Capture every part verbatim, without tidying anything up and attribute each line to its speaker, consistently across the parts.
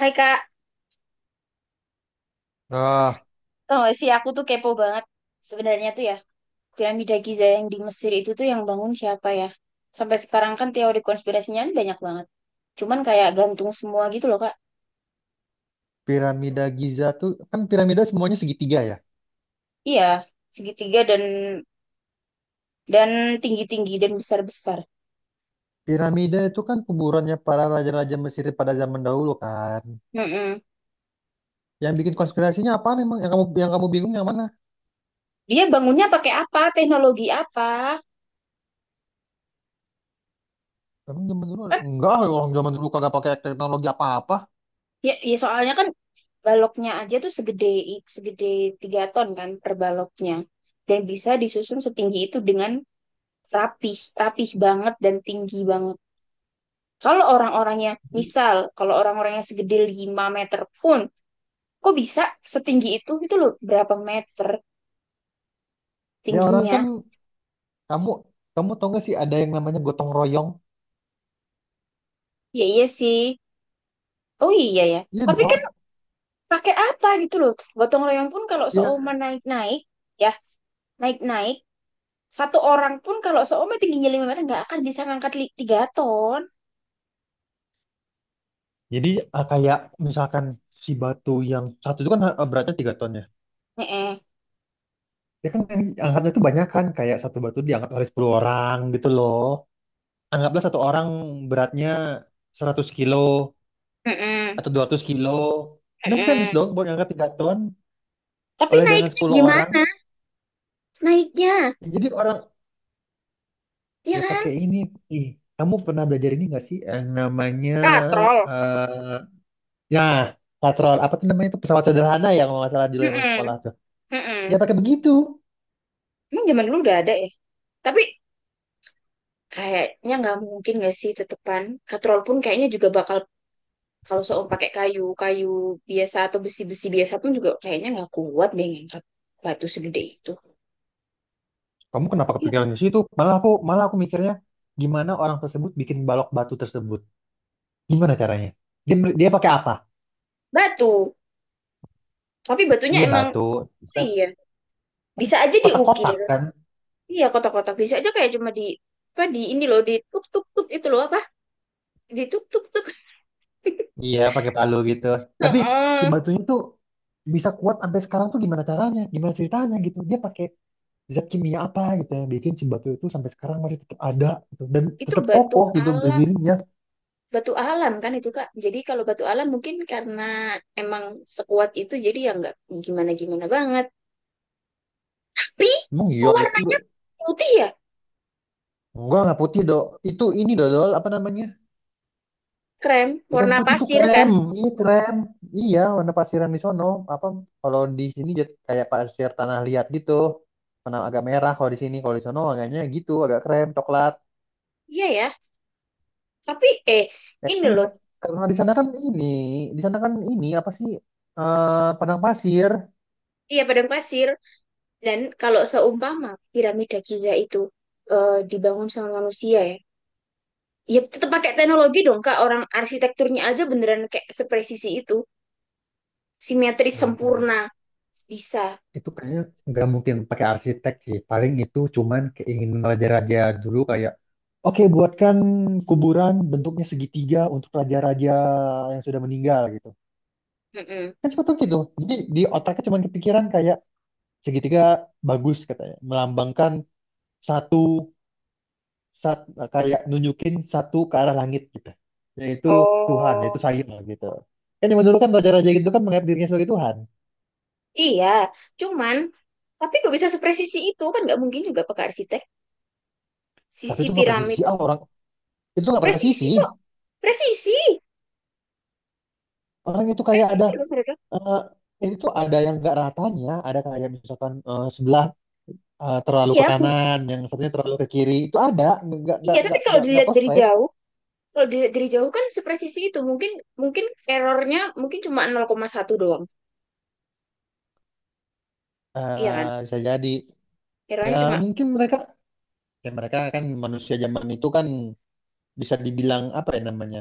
Speaker 1: Hai Kak,
Speaker 2: Ah,
Speaker 1: tau gak sih aku tuh kepo banget. Sebenarnya tuh ya, piramida Giza yang di Mesir itu tuh yang bangun siapa ya? Sampai sekarang kan teori konspirasinya kan banyak banget. Cuman kayak gantung semua gitu loh Kak.
Speaker 2: Piramida Giza tuh kan piramida semuanya segitiga ya.
Speaker 1: Iya, segitiga dan dan tinggi-tinggi dan besar-besar.
Speaker 2: Piramida itu kan kuburannya para raja-raja Mesir pada zaman dahulu kan.
Speaker 1: Mm-mm.
Speaker 2: Yang bikin konspirasinya apaan emang? Yang kamu yang kamu bingung yang mana?
Speaker 1: Dia bangunnya pakai apa? Teknologi apa?
Speaker 2: Emang zaman dulu
Speaker 1: Kan
Speaker 2: ada- enggak, orang zaman dulu kagak pakai teknologi apa-apa.
Speaker 1: ya, ya soalnya kan baloknya aja tuh segede segede tiga ton kan per baloknya. Dan bisa disusun setinggi itu dengan rapih, rapih banget dan tinggi banget. Kalau orang-orangnya, misal, kalau orang-orangnya segede lima meter pun, kok bisa setinggi itu? Itu loh, berapa meter
Speaker 2: Ya orang kan,
Speaker 1: tingginya?
Speaker 2: kamu kamu tau gak sih ada yang namanya gotong royong?
Speaker 1: Ya iya sih. Oh iya ya.
Speaker 2: Iya
Speaker 1: Tapi kan
Speaker 2: dong.
Speaker 1: pakai apa gitu loh. Gotong royong pun kalau
Speaker 2: Iya.
Speaker 1: seoman naik-naik, ya naik-naik, satu orang pun kalau seoman tingginya lima meter nggak akan bisa ngangkat tiga ton.
Speaker 2: Jadi ah, kayak misalkan si batu yang satu itu kan ah, beratnya tiga ton ya.
Speaker 1: Heeh.
Speaker 2: Ya kan yang angkatnya itu banyak kan, kayak satu batu diangkat oleh sepuluh orang gitu loh. Anggaplah satu orang beratnya seratus kilo
Speaker 1: Heeh.
Speaker 2: atau dua ratus kilo. Make sense
Speaker 1: Heeh.
Speaker 2: dong buat ngangkat tiga ton
Speaker 1: Tapi
Speaker 2: oleh dengan
Speaker 1: naiknya
Speaker 2: sepuluh orang.
Speaker 1: gimana? Naiknya,
Speaker 2: Jadi orang
Speaker 1: ya
Speaker 2: ya
Speaker 1: kan?
Speaker 2: pakai ini. Ih, kamu pernah belajar ini nggak sih yang namanya
Speaker 1: Katrol.
Speaker 2: eh ya patrol apa tuh namanya, itu pesawat sederhana ya kalau nggak salah di zaman
Speaker 1: Heeh.
Speaker 2: sekolah tuh. Ya
Speaker 1: Mm-mm.
Speaker 2: pakai begitu.
Speaker 1: Emang zaman dulu udah ada ya? Tapi kayaknya nggak mungkin nggak sih tetepan. Katrol pun kayaknya juga bakal kalau soal pakai kayu-kayu biasa atau besi-besi biasa pun juga kayaknya nggak kuat deh ngangkat batu segede itu.
Speaker 2: Kamu kenapa
Speaker 1: Iya.
Speaker 2: kepikiran di situ? Malah aku malah aku mikirnya gimana orang tersebut bikin balok batu tersebut? Gimana caranya? Dia dia pakai apa?
Speaker 1: Batu. Tapi batunya
Speaker 2: Iya
Speaker 1: emang
Speaker 2: batu.
Speaker 1: oh iya bisa aja
Speaker 2: Kotak-kotak
Speaker 1: diukir.
Speaker 2: kan?
Speaker 1: Iya kotak-kotak bisa aja kayak cuma di apa di ini loh di tuk tuk tuk itu loh apa di tuk tuk tuk.
Speaker 2: Iya, pakai palu gitu. Tapi si
Speaker 1: Heeh.
Speaker 2: batunya tuh bisa kuat sampai sekarang tuh gimana caranya? Gimana ceritanya gitu? Dia pakai zat kimia apa gitu yang bikin si batu itu sampai sekarang masih tetap ada gitu. Dan
Speaker 1: Itu
Speaker 2: tetap
Speaker 1: batu
Speaker 2: kokoh gitu
Speaker 1: alam
Speaker 2: berdirinya.
Speaker 1: batu alam kan itu Kak. Jadi kalau batu alam mungkin karena emang sekuat itu jadi ya nggak gimana-gimana banget. Tapi
Speaker 2: Emang
Speaker 1: kok
Speaker 2: iya itu
Speaker 1: warnanya putih ya?
Speaker 2: enggak enggak putih dok. Itu ini dodol apa namanya?
Speaker 1: Krem,
Speaker 2: Bukan
Speaker 1: warna
Speaker 2: putih, itu
Speaker 1: pasir
Speaker 2: krem.
Speaker 1: kan?
Speaker 2: Iya krem. Iya warna pasiran di sono. Apa kalau di sini jat- kayak pasir tanah liat gitu. Warna agak merah kalau di sini. Kalau di sono agaknya gitu, agak krem coklat.
Speaker 1: Iya ya. Tapi eh
Speaker 2: Ya
Speaker 1: ini
Speaker 2: kan
Speaker 1: loh,
Speaker 2: nggak- karena di sana kan ini, di sana kan ini apa sih, eh padang pasir.
Speaker 1: iya padang pasir. Dan kalau seumpama piramida Giza itu eh, dibangun sama manusia ya, ya tetap pakai teknologi dong Kak. Orang arsitekturnya aja beneran kayak sepresisi itu, simetris
Speaker 2: Nggak mungkin ada-
Speaker 1: sempurna bisa.
Speaker 2: itu kayaknya nggak mungkin pakai arsitek sih. Paling itu cuman keinginan raja-raja dulu kayak, oke buatkan kuburan bentuknya segitiga untuk raja-raja yang sudah meninggal gitu.
Speaker 1: Mm-mm.
Speaker 2: Kan seperti itu. Jadi di otaknya cuman kepikiran kayak segitiga bagus katanya, melambangkan satu sat, kayak nunjukin satu ke arah langit gitu, yaitu Tuhan yaitu
Speaker 1: Oh.
Speaker 2: saya gitu kan, yang dulu kan raja-raja gitu kan menganggap dirinya sebagai Tuhan.
Speaker 1: Iya, cuman tapi kok bisa sepresisi itu kan nggak mungkin juga Pak Arsitek.
Speaker 2: Tapi itu
Speaker 1: Sisi
Speaker 2: nggak presisi
Speaker 1: piramid,
Speaker 2: ah, orang itu nggak presisi,
Speaker 1: presisi kok, presisi,
Speaker 2: orang itu kayak ada
Speaker 1: presisi loh mereka.
Speaker 2: eh, ini tuh ada yang nggak ratanya, ada kayak misalkan eh, sebelah eh, terlalu ke
Speaker 1: Iya, mu-
Speaker 2: kanan yang satunya terlalu ke kiri, itu ada. Nggak
Speaker 1: iya.
Speaker 2: nggak
Speaker 1: Tapi
Speaker 2: nggak
Speaker 1: kalau
Speaker 2: nggak nggak
Speaker 1: dilihat dari
Speaker 2: perfect.
Speaker 1: jauh, kalau dilihat dari jauh kan sepresisi itu mungkin mungkin errornya mungkin cuma nol koma satu doang, iya kan?
Speaker 2: Eh, bisa jadi. Ya
Speaker 1: Errornya cuma,
Speaker 2: mungkin mereka, ya mereka kan manusia zaman itu kan bisa dibilang apa ya namanya,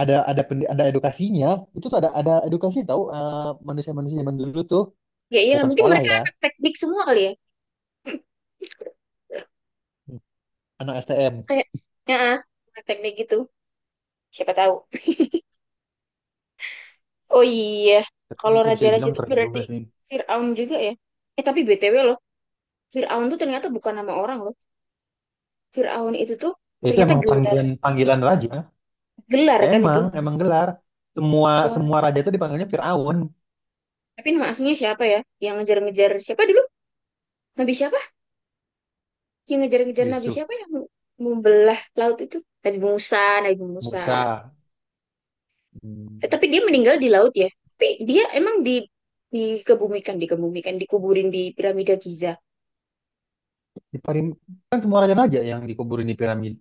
Speaker 2: ada ada pendi- ada edukasinya, itu tuh ada ada edukasi tahu eh, manusia-manusia zaman dulu tuh
Speaker 1: ya iyalah
Speaker 2: bukan
Speaker 1: mungkin
Speaker 2: sekolah
Speaker 1: mereka
Speaker 2: ya,
Speaker 1: anak teknik semua kali ya.
Speaker 2: anak S T M.
Speaker 1: Kayak, ya, anak teknik gitu. Siapa tahu. Oh iya,
Speaker 2: Tapi
Speaker 1: kalau
Speaker 2: sih bisa
Speaker 1: raja-raja
Speaker 2: dibilang
Speaker 1: itu
Speaker 2: keren juga
Speaker 1: berarti
Speaker 2: sih.
Speaker 1: Firaun juga ya. Eh tapi B T W loh, Fir'aun tuh ternyata bukan nama orang loh. Fir'aun itu tuh
Speaker 2: Ya, itu
Speaker 1: ternyata
Speaker 2: emang
Speaker 1: gelar,
Speaker 2: panggilan panggilan raja.
Speaker 1: gelar
Speaker 2: Ya,
Speaker 1: kan itu.
Speaker 2: emang emang gelar, semua
Speaker 1: Wah.
Speaker 2: semua raja itu dipanggilnya Firaun.
Speaker 1: Tapi nama aslinya siapa ya? Yang ngejar-ngejar siapa dulu? Nabi siapa? Yang ngejar-ngejar Nabi
Speaker 2: Yusuf.
Speaker 1: siapa yang membelah laut itu? Nabi Musa, Nabi Musa.
Speaker 2: Musa,
Speaker 1: Eh,
Speaker 2: hmm.
Speaker 1: tapi dia meninggal di laut ya. Tapi dia emang di dikebumikan, dikebumikan, dikuburin di piramida Giza.
Speaker 2: Di parim- kan semua raja-raja yang dikuburin di piramid.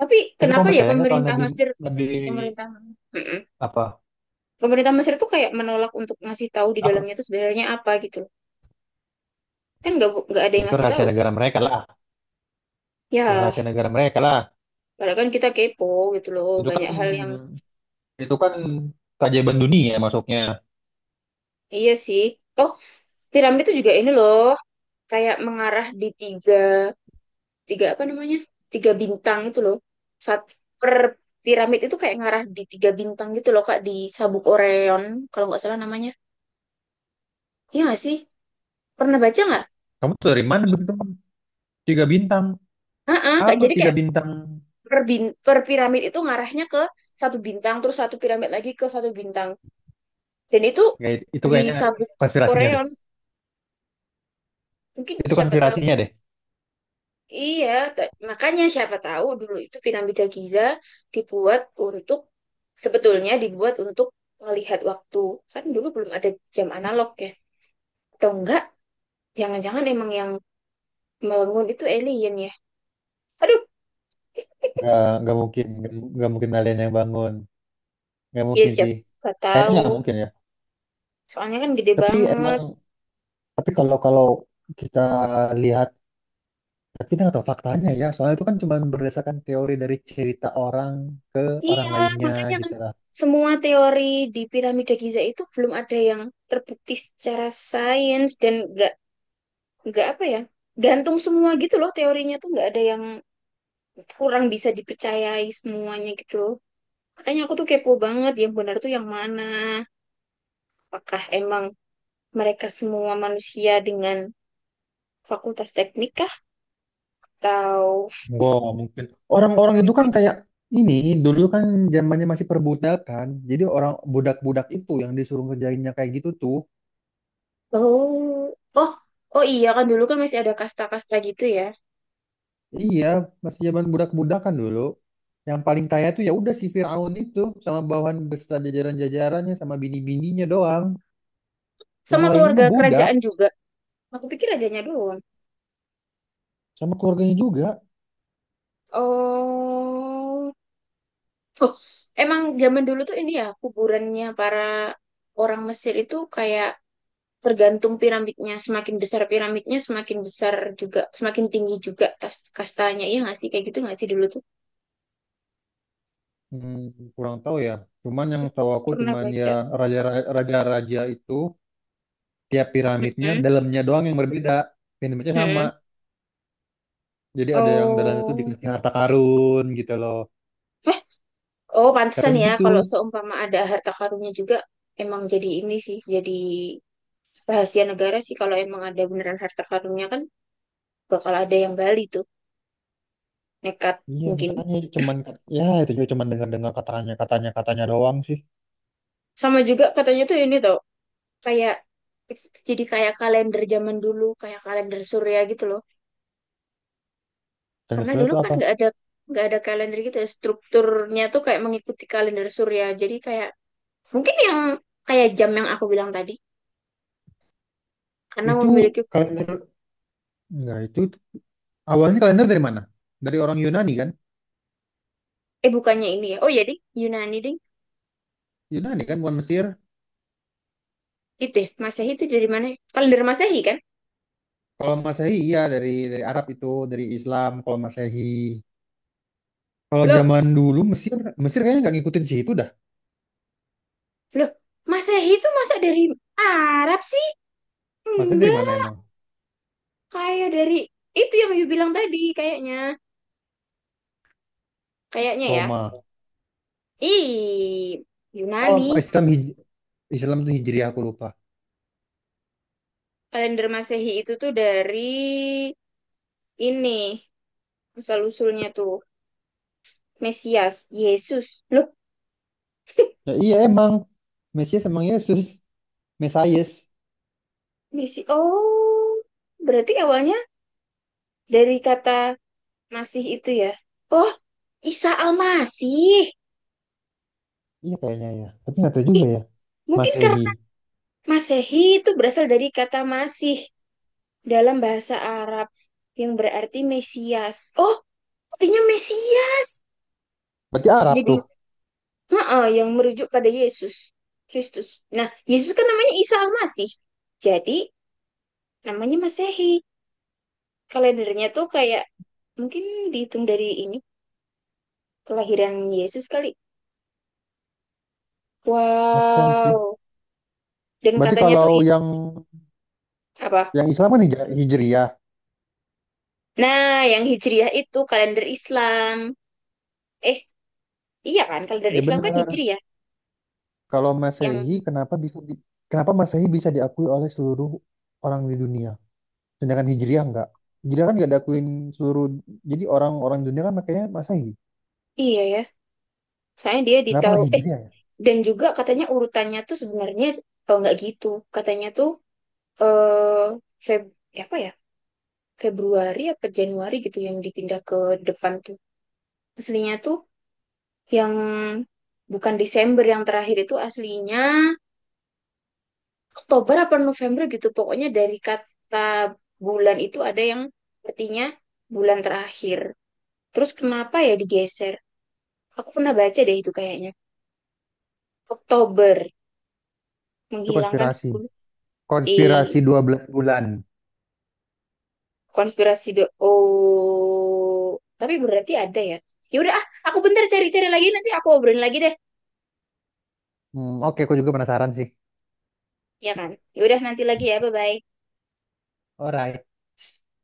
Speaker 1: Tapi
Speaker 2: Tapi
Speaker 1: kenapa
Speaker 2: kamu
Speaker 1: ya
Speaker 2: percaya nggak kalau
Speaker 1: pemerintah
Speaker 2: Nabi
Speaker 1: Mesir,
Speaker 2: Nabi
Speaker 1: pemerintah Mm-mm.
Speaker 2: apa,
Speaker 1: Pemerintah Mesir tuh kayak menolak untuk ngasih tahu di dalamnya
Speaker 2: apa,
Speaker 1: tuh sebenarnya apa gitu. Kan nggak bu- nggak ada
Speaker 2: ya
Speaker 1: yang
Speaker 2: itu
Speaker 1: ngasih
Speaker 2: rahasia
Speaker 1: tahu.
Speaker 2: negara mereka lah, ya
Speaker 1: Ya,
Speaker 2: rahasia negara mereka lah.
Speaker 1: padahal kan kita kepo gitu loh,
Speaker 2: Itu kan
Speaker 1: banyak hal yang
Speaker 2: itu kan keajaiban dunia masuknya.
Speaker 1: iya sih. Oh, piramid itu juga ini loh, kayak mengarah di tiga, tiga apa namanya? Tiga bintang itu loh. Saat per piramid itu kayak ngarah di tiga bintang gitu loh, Kak, di sabuk Orion, kalau nggak salah namanya. Iya nggak sih? Pernah baca nggak?
Speaker 2: Kamu tuh dari mana begitu? Tiga bintang.
Speaker 1: Heeh, Kak.
Speaker 2: Apa
Speaker 1: Jadi
Speaker 2: tiga
Speaker 1: kayak
Speaker 2: bintang?
Speaker 1: per, bin- per piramid itu ngarahnya ke satu bintang, terus satu piramid lagi ke satu bintang. Dan itu
Speaker 2: Kayak itu
Speaker 1: di
Speaker 2: kayaknya
Speaker 1: sabuk
Speaker 2: konspirasinya deh.
Speaker 1: Orion, mungkin
Speaker 2: Itu
Speaker 1: siapa tahu.
Speaker 2: konspirasinya deh.
Speaker 1: Iya, ta- makanya siapa tahu dulu itu piramida Giza dibuat untuk sebetulnya dibuat untuk melihat waktu. Kan dulu belum ada jam analog ya. Atau enggak, jangan-jangan emang yang bangun itu alien ya. Aduh,
Speaker 2: Nggak, nggak mungkin, nggak, nggak mungkin kalian yang bangun. Nggak
Speaker 1: ya
Speaker 2: mungkin sih.
Speaker 1: siapa nggak
Speaker 2: Kayaknya
Speaker 1: tahu.
Speaker 2: nggak mungkin ya.
Speaker 1: Soalnya kan gede
Speaker 2: Tapi emang,
Speaker 1: banget.
Speaker 2: tapi kalau kalau kita lihat, tapi kita nggak tahu faktanya ya. Soalnya itu kan cuma berdasarkan teori dari cerita orang ke
Speaker 1: Iya,
Speaker 2: orang lainnya
Speaker 1: makanya kan
Speaker 2: gitu lah.
Speaker 1: semua teori di piramida Giza itu belum ada yang terbukti secara sains dan nggak nggak apa ya? Gantung semua gitu loh teorinya tuh nggak ada yang kurang bisa dipercayai semuanya gitu loh. Makanya aku tuh kepo banget yang benar tuh yang mana. Apakah emang mereka semua manusia dengan fakultas teknik kah? Atau
Speaker 2: Gua mungkin, orang-orang itu kan kayak ini, dulu kan zamannya masih perbudakan. Jadi orang budak-budak itu yang disuruh ngerjainnya kayak gitu tuh.
Speaker 1: oh oh oh iya kan dulu kan masih ada kasta-kasta gitu ya.
Speaker 2: Iya, masih zaman budak-budakan dulu. Yang paling kaya tuh ya udah si Firaun itu sama bawahan beserta jajaran-jajarannya sama bini-bininya doang. Yang
Speaker 1: Sama
Speaker 2: lainnya
Speaker 1: keluarga
Speaker 2: mah budak
Speaker 1: kerajaan juga. Aku pikir rajanya doang.
Speaker 2: sama keluarganya juga.
Speaker 1: Oh oh emang zaman dulu tuh ini ya kuburannya para orang Mesir itu kayak tergantung piramidnya semakin besar piramidnya semakin besar juga semakin tinggi juga tas- kastanya iya nggak sih kayak gitu nggak sih dulu tuh
Speaker 2: Hmm, kurang tahu ya. Cuman yang tahu aku
Speaker 1: pernah
Speaker 2: cuman ya
Speaker 1: baca
Speaker 2: raja-raja itu tiap piramidnya
Speaker 1: Mm-mm,
Speaker 2: dalamnya doang yang berbeda. Piramidnya sama,
Speaker 1: mm-mm.
Speaker 2: jadi ada yang dalam itu dikasih
Speaker 1: Oh
Speaker 2: harta karun gitu loh.
Speaker 1: eh oh pantesan
Speaker 2: Katanya
Speaker 1: ya
Speaker 2: gitu.
Speaker 1: kalau seumpama ada harta karunnya juga emang jadi ini sih jadi rahasia negara sih kalau emang ada beneran harta karunnya kan bakal ada yang gali tuh nekat
Speaker 2: Iya
Speaker 1: mungkin
Speaker 2: makanya cuman kat- ya itu juga cuman dengar-dengar katanya katanya katanya doang sih.
Speaker 1: sama juga katanya tuh ini tuh kayak jadi kayak kalender zaman dulu kayak kalender surya gitu loh
Speaker 2: Kalender
Speaker 1: karena
Speaker 2: surya
Speaker 1: dulu
Speaker 2: itu
Speaker 1: kan
Speaker 2: apa?
Speaker 1: nggak ada nggak ada kalender gitu ya strukturnya tuh kayak mengikuti kalender surya jadi kayak mungkin yang kayak jam yang aku bilang tadi karena
Speaker 2: Itu
Speaker 1: memiliki
Speaker 2: kalender enggak, itu awalnya kalender dari mana? Dari orang Yunani kan?
Speaker 1: eh bukannya ini ya oh ya ding Yunani ding
Speaker 2: Yunani kan bukan Mesir.
Speaker 1: itu ya Masehi itu dari mana ya? Kalender Masehi kan
Speaker 2: Kalau Masehi iya dari dari Arab itu, dari Islam kalau Masehi. Kalau
Speaker 1: loh
Speaker 2: zaman dulu Mesir, Mesir kayaknya nggak ngikutin sih itu dah.
Speaker 1: loh Masehi itu masa dari Arab sih
Speaker 2: Maksudnya dari
Speaker 1: enggak
Speaker 2: mana emang?
Speaker 1: kayak dari itu yang you bilang tadi kayaknya kayaknya ya
Speaker 2: Roma.
Speaker 1: ih Yunani
Speaker 2: Oh Islam hij- Islam itu Hijriah aku lupa.
Speaker 1: kalender Masehi itu tuh dari ini asal usulnya tuh Mesias, Yesus. Loh,
Speaker 2: Ya iya emang, Mesias emang Yesus. Mesayes.
Speaker 1: Mesi oh, berarti awalnya dari kata Masih itu ya. Oh, Isa Al-Masih.
Speaker 2: Iya kayaknya ya. Tapi nggak tahu
Speaker 1: Ih,
Speaker 2: juga ya.
Speaker 1: mungkin
Speaker 2: Masehi.
Speaker 1: karena Masehi itu berasal dari kata Masih dalam bahasa Arab yang berarti Mesias. Oh, artinya Mesias.
Speaker 2: Berarti Arab
Speaker 1: Jadi,
Speaker 2: tuh.
Speaker 1: heeh, yang merujuk pada Yesus Kristus. Nah, Yesus kan namanya Isa Al-Masih. Jadi, namanya Masehi. Kalendernya tuh kayak mungkin dihitung dari ini Kelahiran Yesus kali.
Speaker 2: Make sense sih.
Speaker 1: Wow. Dan
Speaker 2: Berarti
Speaker 1: katanya tuh
Speaker 2: kalau
Speaker 1: i-
Speaker 2: yang
Speaker 1: apa?
Speaker 2: yang Islam kan Hij- Hijriah.
Speaker 1: Nah, yang Hijriah itu kalender Islam. Eh, iya kan? Kalender
Speaker 2: Ya
Speaker 1: Islam kan
Speaker 2: benar.
Speaker 1: Hijriah.
Speaker 2: Kalau Masehi
Speaker 1: Yang
Speaker 2: kenapa bisa di- kenapa Masehi bisa diakui oleh seluruh orang di dunia? Sedangkan Hijriah enggak. Hijriah kan nggak diakuin seluruh, jadi orang-orang dunia kan makanya Masehi.
Speaker 1: iya ya. Soalnya dia
Speaker 2: Kenapa
Speaker 1: ditahu
Speaker 2: nggak
Speaker 1: eh
Speaker 2: Hijriah ya?
Speaker 1: dan juga katanya urutannya tuh sebenarnya oh, nggak gitu. Katanya tuh eh Feb apa ya? Februari apa Januari gitu yang dipindah ke depan tuh. Aslinya tuh yang bukan Desember yang terakhir itu aslinya Oktober apa November gitu. Pokoknya dari kata bulan itu ada yang artinya bulan terakhir. Terus kenapa ya digeser? Aku pernah baca deh itu kayaknya. Oktober
Speaker 2: Itu
Speaker 1: menghilangkan
Speaker 2: konspirasi.
Speaker 1: sepuluh. Eh,
Speaker 2: Konspirasi dua belas bulan.
Speaker 1: konspirasi do oh tapi berarti ada ya. Ya udah ah, aku bentar cari-cari lagi nanti aku obrolin lagi deh.
Speaker 2: Hmm, oke, aku juga penasaran sih.
Speaker 1: Ya kan? Ya udah nanti lagi ya, bye-bye.
Speaker 2: Alright.